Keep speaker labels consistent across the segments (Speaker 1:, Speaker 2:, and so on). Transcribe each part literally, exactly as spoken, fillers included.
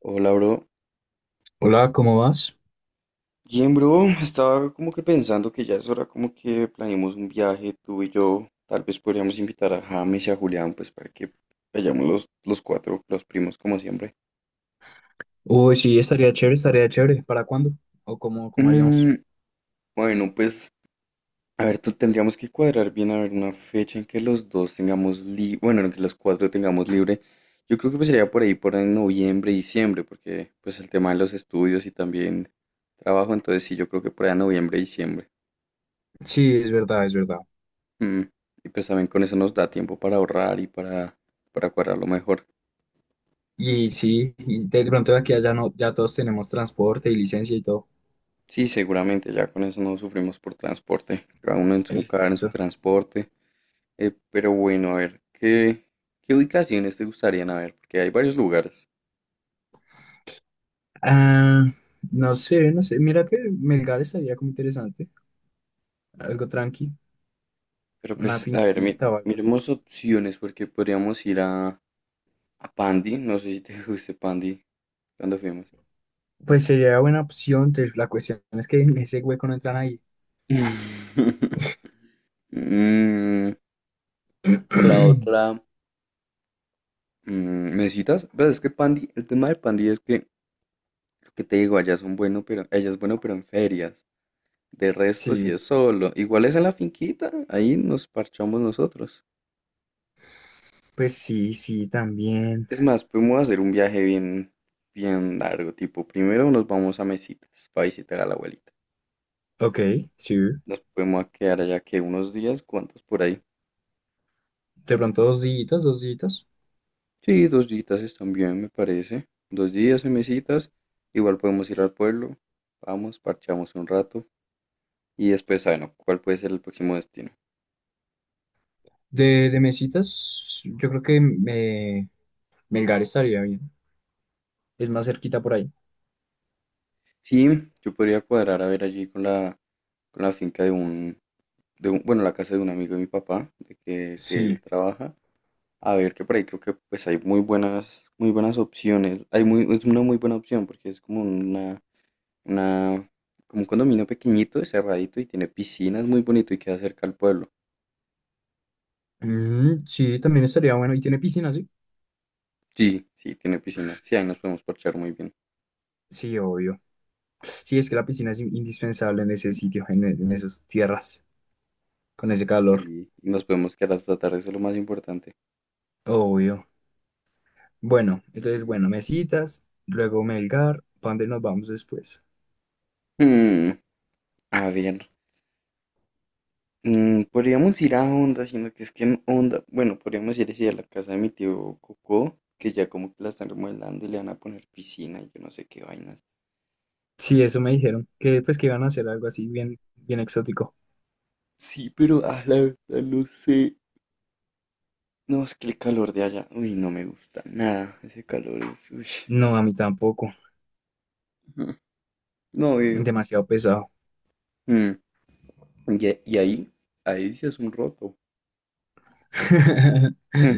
Speaker 1: Hola, bro.
Speaker 2: Hola, ¿cómo vas?
Speaker 1: Bien, bro. Estaba como que pensando que ya es hora como que planeemos un viaje, tú y yo. Tal vez podríamos invitar a James y a Julián, pues para que vayamos los, los cuatro, los primos, como siempre.
Speaker 2: Uy, sí, estaría chévere, estaría chévere. ¿Para cuándo? ¿O cómo, cómo haríamos?
Speaker 1: Mm, bueno, pues, a ver, tú tendríamos que cuadrar bien, a ver, una fecha en que los dos tengamos libre, bueno, en que los cuatro tengamos libre. Yo creo que pues sería por ahí, por en noviembre, diciembre, porque pues el tema de los estudios y también trabajo, entonces sí, yo creo que por ahí en noviembre, diciembre.
Speaker 2: Sí, es verdad, es verdad.
Speaker 1: Mm, Y pues también con eso nos da tiempo para ahorrar y para, para cuadrarlo mejor.
Speaker 2: Y sí, y de pronto de aquí a allá no, ya todos tenemos transporte y licencia y todo.
Speaker 1: Sí, seguramente ya con eso no sufrimos por transporte, cada uno en su carro, en su
Speaker 2: Exacto.
Speaker 1: transporte. Eh, pero bueno, a ver, ¿qué, qué ubicaciones te gustarían? A ver, porque hay varios lugares.
Speaker 2: Ah, no sé, no sé. Mira que Melgar estaría como interesante. Algo tranqui,
Speaker 1: Pero
Speaker 2: una
Speaker 1: pues, a ver, mi-
Speaker 2: finquita o algo así.
Speaker 1: miremos opciones porque podríamos ir a, a Pandi, no sé si te guste Pandi cuando fuimos.
Speaker 2: Pues sería buena opción, entonces la cuestión es que en ese hueco no entran ahí.
Speaker 1: Mm, o la otra, mm, ¿me citas? Pues es que Pandi, el tema de Pandi es que lo que te digo, allá son bueno, pero ella es bueno, pero en ferias. De resto, si
Speaker 2: Sí,
Speaker 1: es solo. Igual es en la finquita, ahí nos parchamos nosotros.
Speaker 2: pues sí, sí, también.
Speaker 1: Es más, podemos hacer un viaje bien, bien largo, tipo, primero nos vamos a Mesitas para visitar a la abuelita.
Speaker 2: Ok, sí.
Speaker 1: Nos podemos quedar allá que unos días, ¿cuántos por ahí?
Speaker 2: De pronto dos días, dos días.
Speaker 1: Sí, dos días están bien, me parece. Dos días en Mesitas, igual podemos ir al pueblo, vamos, parchamos un rato y después, bueno, ¿cuál puede ser el próximo destino?
Speaker 2: De, de mesitas, yo creo que me, Melgar estaría bien. Es más cerquita por ahí.
Speaker 1: Sí, yo podría cuadrar a ver allí con la con la finca de un, de un- bueno, la casa de un amigo de mi papá, de que, que él
Speaker 2: Sí.
Speaker 1: trabaja. A ver, que por ahí creo que pues hay muy buenas, muy buenas opciones. Hay muy, es una muy buena opción porque es como una, una, como un condominio pequeñito, cerradito y tiene piscinas muy bonito y queda cerca al pueblo.
Speaker 2: Mm, sí, también estaría bueno. ¿Y tiene piscina, sí?
Speaker 1: Sí, sí, tiene piscina. Sí, ahí nos podemos parchar muy bien.
Speaker 2: Sí, obvio. Sí, es que la piscina es in- indispensable en ese sitio, en, e- en esas tierras, con ese calor.
Speaker 1: Sí, nos podemos quedar hasta tarde, eso es lo más importante.
Speaker 2: Obvio. Bueno, entonces, bueno,
Speaker 1: Mm.
Speaker 2: mesitas, luego Melgar, ¿para dónde nos vamos después?
Speaker 1: Hmm, a ver, Mm, podríamos ir a Honda, sino que es que en Honda, bueno, podríamos ir así a la casa de mi tío Coco, que ya como que la están remodelando y le van a poner piscina y yo no sé qué vainas.
Speaker 2: Sí, eso me dijeron, que pues que iban a hacer algo así bien, bien exótico.
Speaker 1: Sí, pero ah, la verdad no sé. No, es que el calor de allá, uy, no me gusta nada. Ese calor es, uy,
Speaker 2: No, a mí tampoco.
Speaker 1: mm, no veo.
Speaker 2: Demasiado pesado.
Speaker 1: Mm, Y, a- y ahí, ahí sí es un roto. Mm.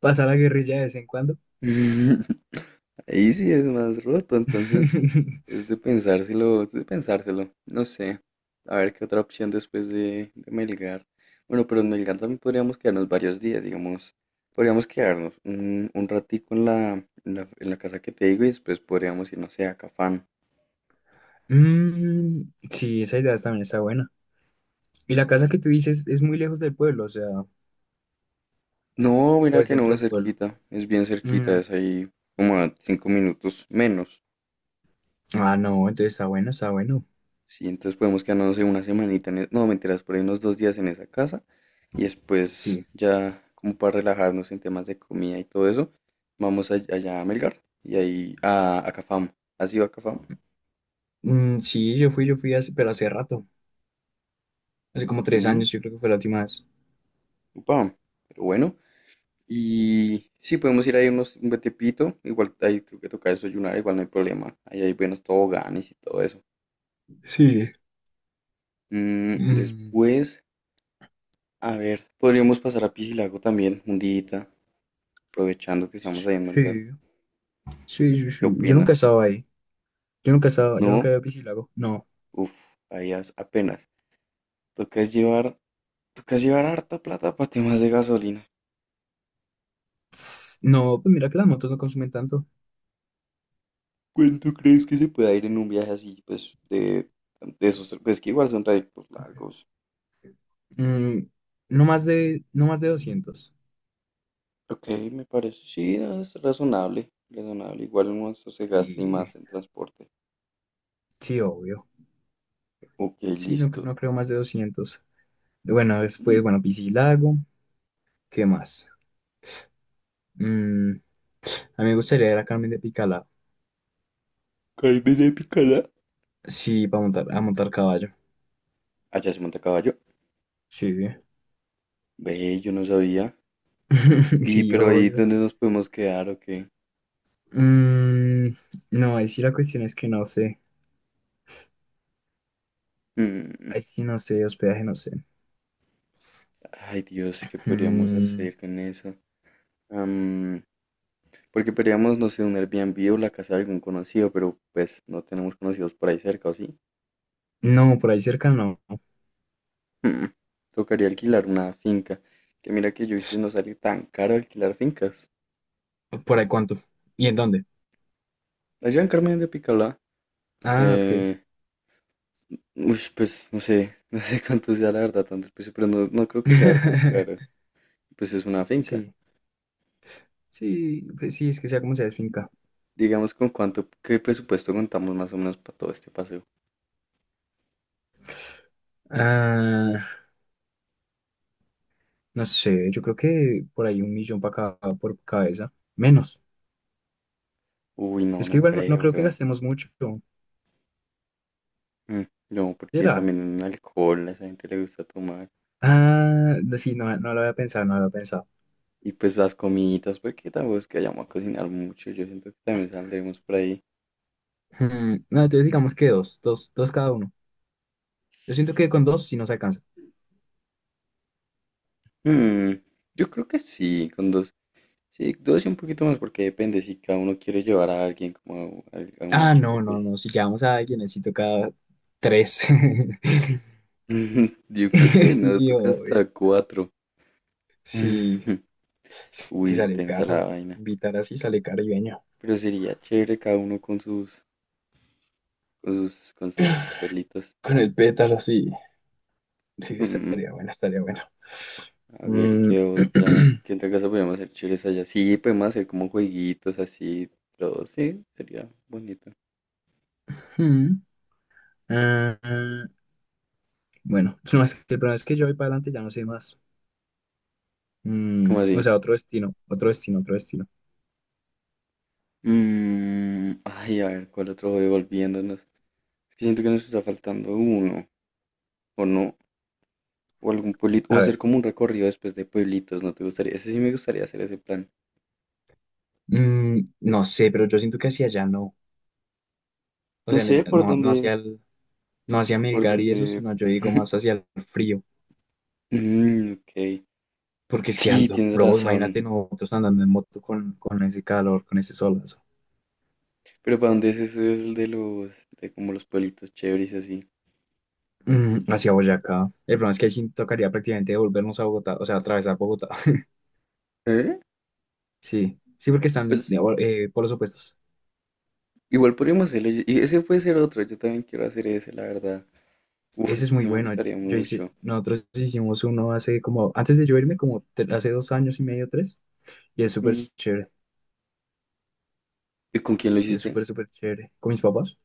Speaker 2: Pasar la guerrilla de vez en cuando.
Speaker 1: Ahí sí es más roto, entonces. Es de pensárselo, es de pensárselo. No sé. A ver qué otra opción después de, de Melgar. Bueno, pero en Melgar también podríamos quedarnos varios días, digamos. Podríamos quedarnos un, un ratico en la, en la, en la casa que te digo y después podríamos ir, no sé, a Cafán.
Speaker 2: Mm, sí, esa idea también está buena. Y la casa que tú dices es muy lejos del pueblo, o sea,
Speaker 1: No,
Speaker 2: o
Speaker 1: mira
Speaker 2: es
Speaker 1: que no
Speaker 2: dentro
Speaker 1: es
Speaker 2: del pueblo.
Speaker 1: cerquita. Es bien cerquita,
Speaker 2: Mm,
Speaker 1: es ahí como a cinco minutos menos.
Speaker 2: Ah, no, entonces está bueno, está bueno.
Speaker 1: Sí, entonces podemos quedarnos no sé, una semanita en... e- No, mentiras, por ahí unos dos días en esa casa. Y después,
Speaker 2: Sí.
Speaker 1: ya como para relajarnos en temas de comida y todo eso, vamos a- allá a Melgar y ahí a, a Cafam. ¿Has ido a Cafam?
Speaker 2: Mm, sí, yo fui, yo fui hace, pero hace rato. Hace como tres
Speaker 1: Mm,
Speaker 2: años, yo creo que fue la última vez.
Speaker 1: Upa, pero bueno. Y sí, podemos ir ahí unos, un buen tiempito. Igual ahí creo que toca desayunar, igual no hay problema. Ahí hay buenos toboganes y todo eso.
Speaker 2: Sí.
Speaker 1: Mm,
Speaker 2: Mm,
Speaker 1: después, a ver, podríamos pasar a Piscilago también, un día, aprovechando que estamos ahí en Melgar.
Speaker 2: sí, sí, sí,
Speaker 1: ¿Qué
Speaker 2: sí. Yo nunca he
Speaker 1: opinas?
Speaker 2: estado ahí. Yo nunca he estado, yo nunca he
Speaker 1: No,
Speaker 2: ido a Piscilago. No.
Speaker 1: uff, ahí as- apenas. Toca es llevar Toca llevar harta plata para temas de gasolina.
Speaker 2: Tss, no, pues mira que las motos no consumen tanto.
Speaker 1: ¿Cuánto crees que se pueda ir en un viaje así, pues, de, de esos, pues que igual son trayectos largos?
Speaker 2: Mm, no más de, no más de doscientos.
Speaker 1: Ok, me parece, sí, no, es razonable, razonable. Igual uno se gasta y
Speaker 2: Y
Speaker 1: más en transporte.
Speaker 2: sí, obvio.
Speaker 1: Ok,
Speaker 2: Sí, no, cre-
Speaker 1: listo.
Speaker 2: no creo más de doscientos. Bueno, después,
Speaker 1: Mm,
Speaker 2: bueno, Piscilago, ¿qué más? Mm, a mí me gustaría ir a Carmen de Picalá.
Speaker 1: Carne de picada.
Speaker 2: Sí, para montar, a montar caballo.
Speaker 1: Allá se monta a caballo.
Speaker 2: Sí,
Speaker 1: Ve, yo no sabía. Y,
Speaker 2: sí,
Speaker 1: pero ahí,
Speaker 2: obvio.
Speaker 1: ¿dónde nos podemos quedar o qué?
Speaker 2: Mm, no, ahí sí la cuestión es que no sé.
Speaker 1: Mm,
Speaker 2: Ahí sí no sé, hospedaje no sé.
Speaker 1: Ay, Dios, ¿qué podríamos
Speaker 2: Mm,
Speaker 1: hacer con eso? Porque podríamos, no sé, un Airbnb o la casa de algún conocido, pero pues no tenemos conocidos por ahí cerca, ¿o sí?
Speaker 2: no, por ahí cerca no.
Speaker 1: Hmm, Tocaría alquilar una finca. Que mira que yo he visto y no sale tan caro alquilar fincas.
Speaker 2: ¿Por ahí cuánto? ¿Y en dónde?
Speaker 1: Allá en Carmen de Picalá,
Speaker 2: Ah, ok.
Speaker 1: eh, ush, pues no sé, no sé cuánto sea la verdad, tanto el precio, pero no, no creo que sea tan caro. Pues es una finca.
Speaker 2: Sí, sí, pues sí, es que sea como sea, es finca.
Speaker 1: Digamos con cuánto, qué presupuesto contamos más o menos para todo este paseo.
Speaker 2: Ah, No sé, yo creo que por ahí un millón para cada, por cabeza. Menos.
Speaker 1: Uy, no,
Speaker 2: Es que
Speaker 1: no
Speaker 2: igual no, no
Speaker 1: creo,
Speaker 2: creo que
Speaker 1: bro.
Speaker 2: gastemos mucho.
Speaker 1: Mm, No, porque
Speaker 2: ¿Será?
Speaker 1: también alcohol, a esa gente le gusta tomar.
Speaker 2: Ah, no, sí, no, no lo había pensado, no lo había pensado.
Speaker 1: Y pues las comiditas, porque tampoco es que vayamos a cocinar mucho. Yo siento que también saldremos por ahí.
Speaker 2: Hmm, no, entonces digamos que dos, dos, dos cada uno. Yo siento que con dos sí nos alcanza.
Speaker 1: Mm, yo creo que sí, con dos. Sí, dos y un poquito más, porque depende si cada uno quiere llevar a alguien como a, a una
Speaker 2: Ah,
Speaker 1: chica,
Speaker 2: no, no,
Speaker 1: pues.
Speaker 2: no, si llamamos a alguien necesito cada tres.
Speaker 1: Yo creo que nos
Speaker 2: Sí,
Speaker 1: toca
Speaker 2: obvio.
Speaker 1: hasta cuatro.
Speaker 2: Sí,
Speaker 1: Uy,
Speaker 2: que sale
Speaker 1: tensa la
Speaker 2: caro.
Speaker 1: vaina.
Speaker 2: Invitar así sale caribeño.
Speaker 1: Pero sería chévere cada uno con sus, con sus, con sus pelitos.
Speaker 2: Con el pétalo, sí. Sí, estaría bueno, estaría bueno.
Speaker 1: A ver,
Speaker 2: Mm,
Speaker 1: ¿qué otra? ¿Qué otra cosa podríamos hacer chéveres allá? Sí, podemos hacer como jueguitos así, pero sí, sería bonito.
Speaker 2: mm. Ah, bueno, no, es que el problema es que yo voy para adelante ya no sé más.
Speaker 1: ¿Cómo
Speaker 2: Mm, o
Speaker 1: así?
Speaker 2: sea, otro destino, otro destino, otro destino.
Speaker 1: Mm, ay, a ver, ¿cuál otro juego? Volviéndonos. Es que siento que nos está faltando uno, o no, o algún pueblito, o
Speaker 2: A
Speaker 1: hacer
Speaker 2: ver,
Speaker 1: como un recorrido después de pueblitos, ¿no te gustaría? Ese sí me gustaría hacer ese plan.
Speaker 2: mm, no sé, pero yo siento que hacia allá no. O
Speaker 1: No
Speaker 2: sea, en es-
Speaker 1: sé por
Speaker 2: no, no
Speaker 1: dónde,
Speaker 2: hacia el, no hacia
Speaker 1: por
Speaker 2: Melgar y eso,
Speaker 1: dónde.
Speaker 2: sino yo digo más hacia el frío.
Speaker 1: Mm, ok.
Speaker 2: Porque es que
Speaker 1: Sí,
Speaker 2: ando,
Speaker 1: tienes
Speaker 2: bro, imagínate
Speaker 1: razón.
Speaker 2: nosotros andando en moto con, con ese calor, con ese solazo.
Speaker 1: Pero ¿para dónde es ese el de los, de como los pueblitos chéveres y así?
Speaker 2: Mm, hacia Boyacá. El problema es que ahí sí tocaría prácticamente volvernos a Bogotá, o sea, atravesar Bogotá.
Speaker 1: ¿Eh?
Speaker 2: Sí, sí, porque están
Speaker 1: Pues
Speaker 2: eh, por los opuestos.
Speaker 1: igual podríamos hacerlo. Y y ese puede ser otro. Yo también quiero hacer ese, la verdad. Uf,
Speaker 2: Ese es
Speaker 1: eso
Speaker 2: muy
Speaker 1: sí me
Speaker 2: bueno.
Speaker 1: gustaría
Speaker 2: Yo hice,
Speaker 1: mucho.
Speaker 2: nosotros hicimos uno hace como, antes de yo irme, como te- hace dos años y medio, tres, y es súper
Speaker 1: Mm,
Speaker 2: chévere,
Speaker 1: ¿Y con quién lo
Speaker 2: es
Speaker 1: hiciste?
Speaker 2: súper, súper chévere. ¿Con mis papás?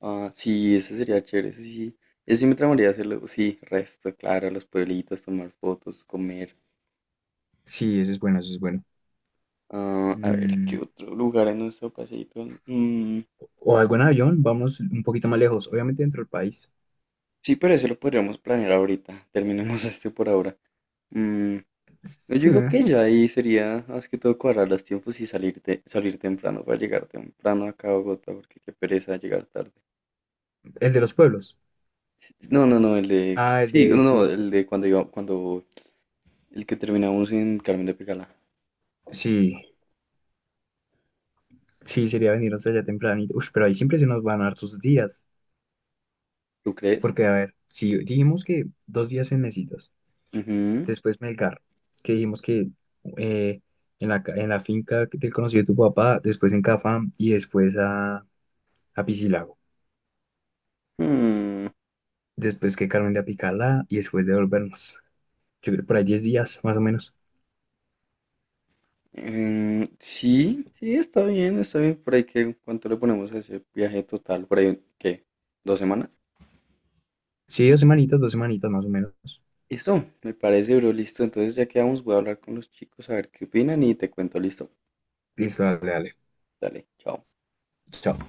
Speaker 1: Ah, sí, ese sería chévere. Ese sí. Ese sí me tramaría hacerlo. Sí, resto, claro. Los pueblitos, tomar fotos, comer.
Speaker 2: Sí, ese es bueno, ese es bueno.
Speaker 1: Ah, a ver, ¿qué
Speaker 2: Mm,
Speaker 1: otro lugar en nuestro paseíto? Mm,
Speaker 2: o algo en avión, vamos un poquito más lejos, obviamente dentro del país.
Speaker 1: sí, pero eso lo podríamos planear ahorita. Terminemos este por ahora. Mm, no, yo
Speaker 2: Sí,
Speaker 1: digo
Speaker 2: ¿eh?
Speaker 1: que ya ahí sería más que todo cuadrar los tiempos y salirte, salir temprano para llegar temprano acá a Bogotá, porque qué pereza llegar tarde.
Speaker 2: El de los pueblos.
Speaker 1: No, no, no, el de.
Speaker 2: Ah, el
Speaker 1: Sí, no,
Speaker 2: de,
Speaker 1: no,
Speaker 2: sí,
Speaker 1: el de cuando iba, cuando. El que terminamos en Carmen de Pegala.
Speaker 2: sí, sí, sería venir hasta allá tempranito. Uy, pero ahí siempre se nos van hartos días,
Speaker 1: ¿Tú crees?
Speaker 2: porque a ver, si dijimos que dos días en mesitas.
Speaker 1: Ujú.
Speaker 2: Después Melgar, que dijimos que eh, en la, ca- en la finca del conocido de tu papá, después en Cafam y después a, a Piscilago.
Speaker 1: Mm,
Speaker 2: Después que Carmen de Apicalá y después de volvernos. Yo creo por ahí diez días, más o menos.
Speaker 1: em, sí, sí, está bien, está bien. Por ahí que, ¿cuánto le ponemos a ese viaje total? Por ahí, ¿qué? ¿Dos semanas?
Speaker 2: Sí, dos semanitas, dos semanitas más o menos.
Speaker 1: Eso, me parece, bro, listo. Entonces ya quedamos, voy a hablar con los chicos a ver qué opinan y te cuento, listo.
Speaker 2: Listo, dale, dale.
Speaker 1: Dale, chao.
Speaker 2: Chao.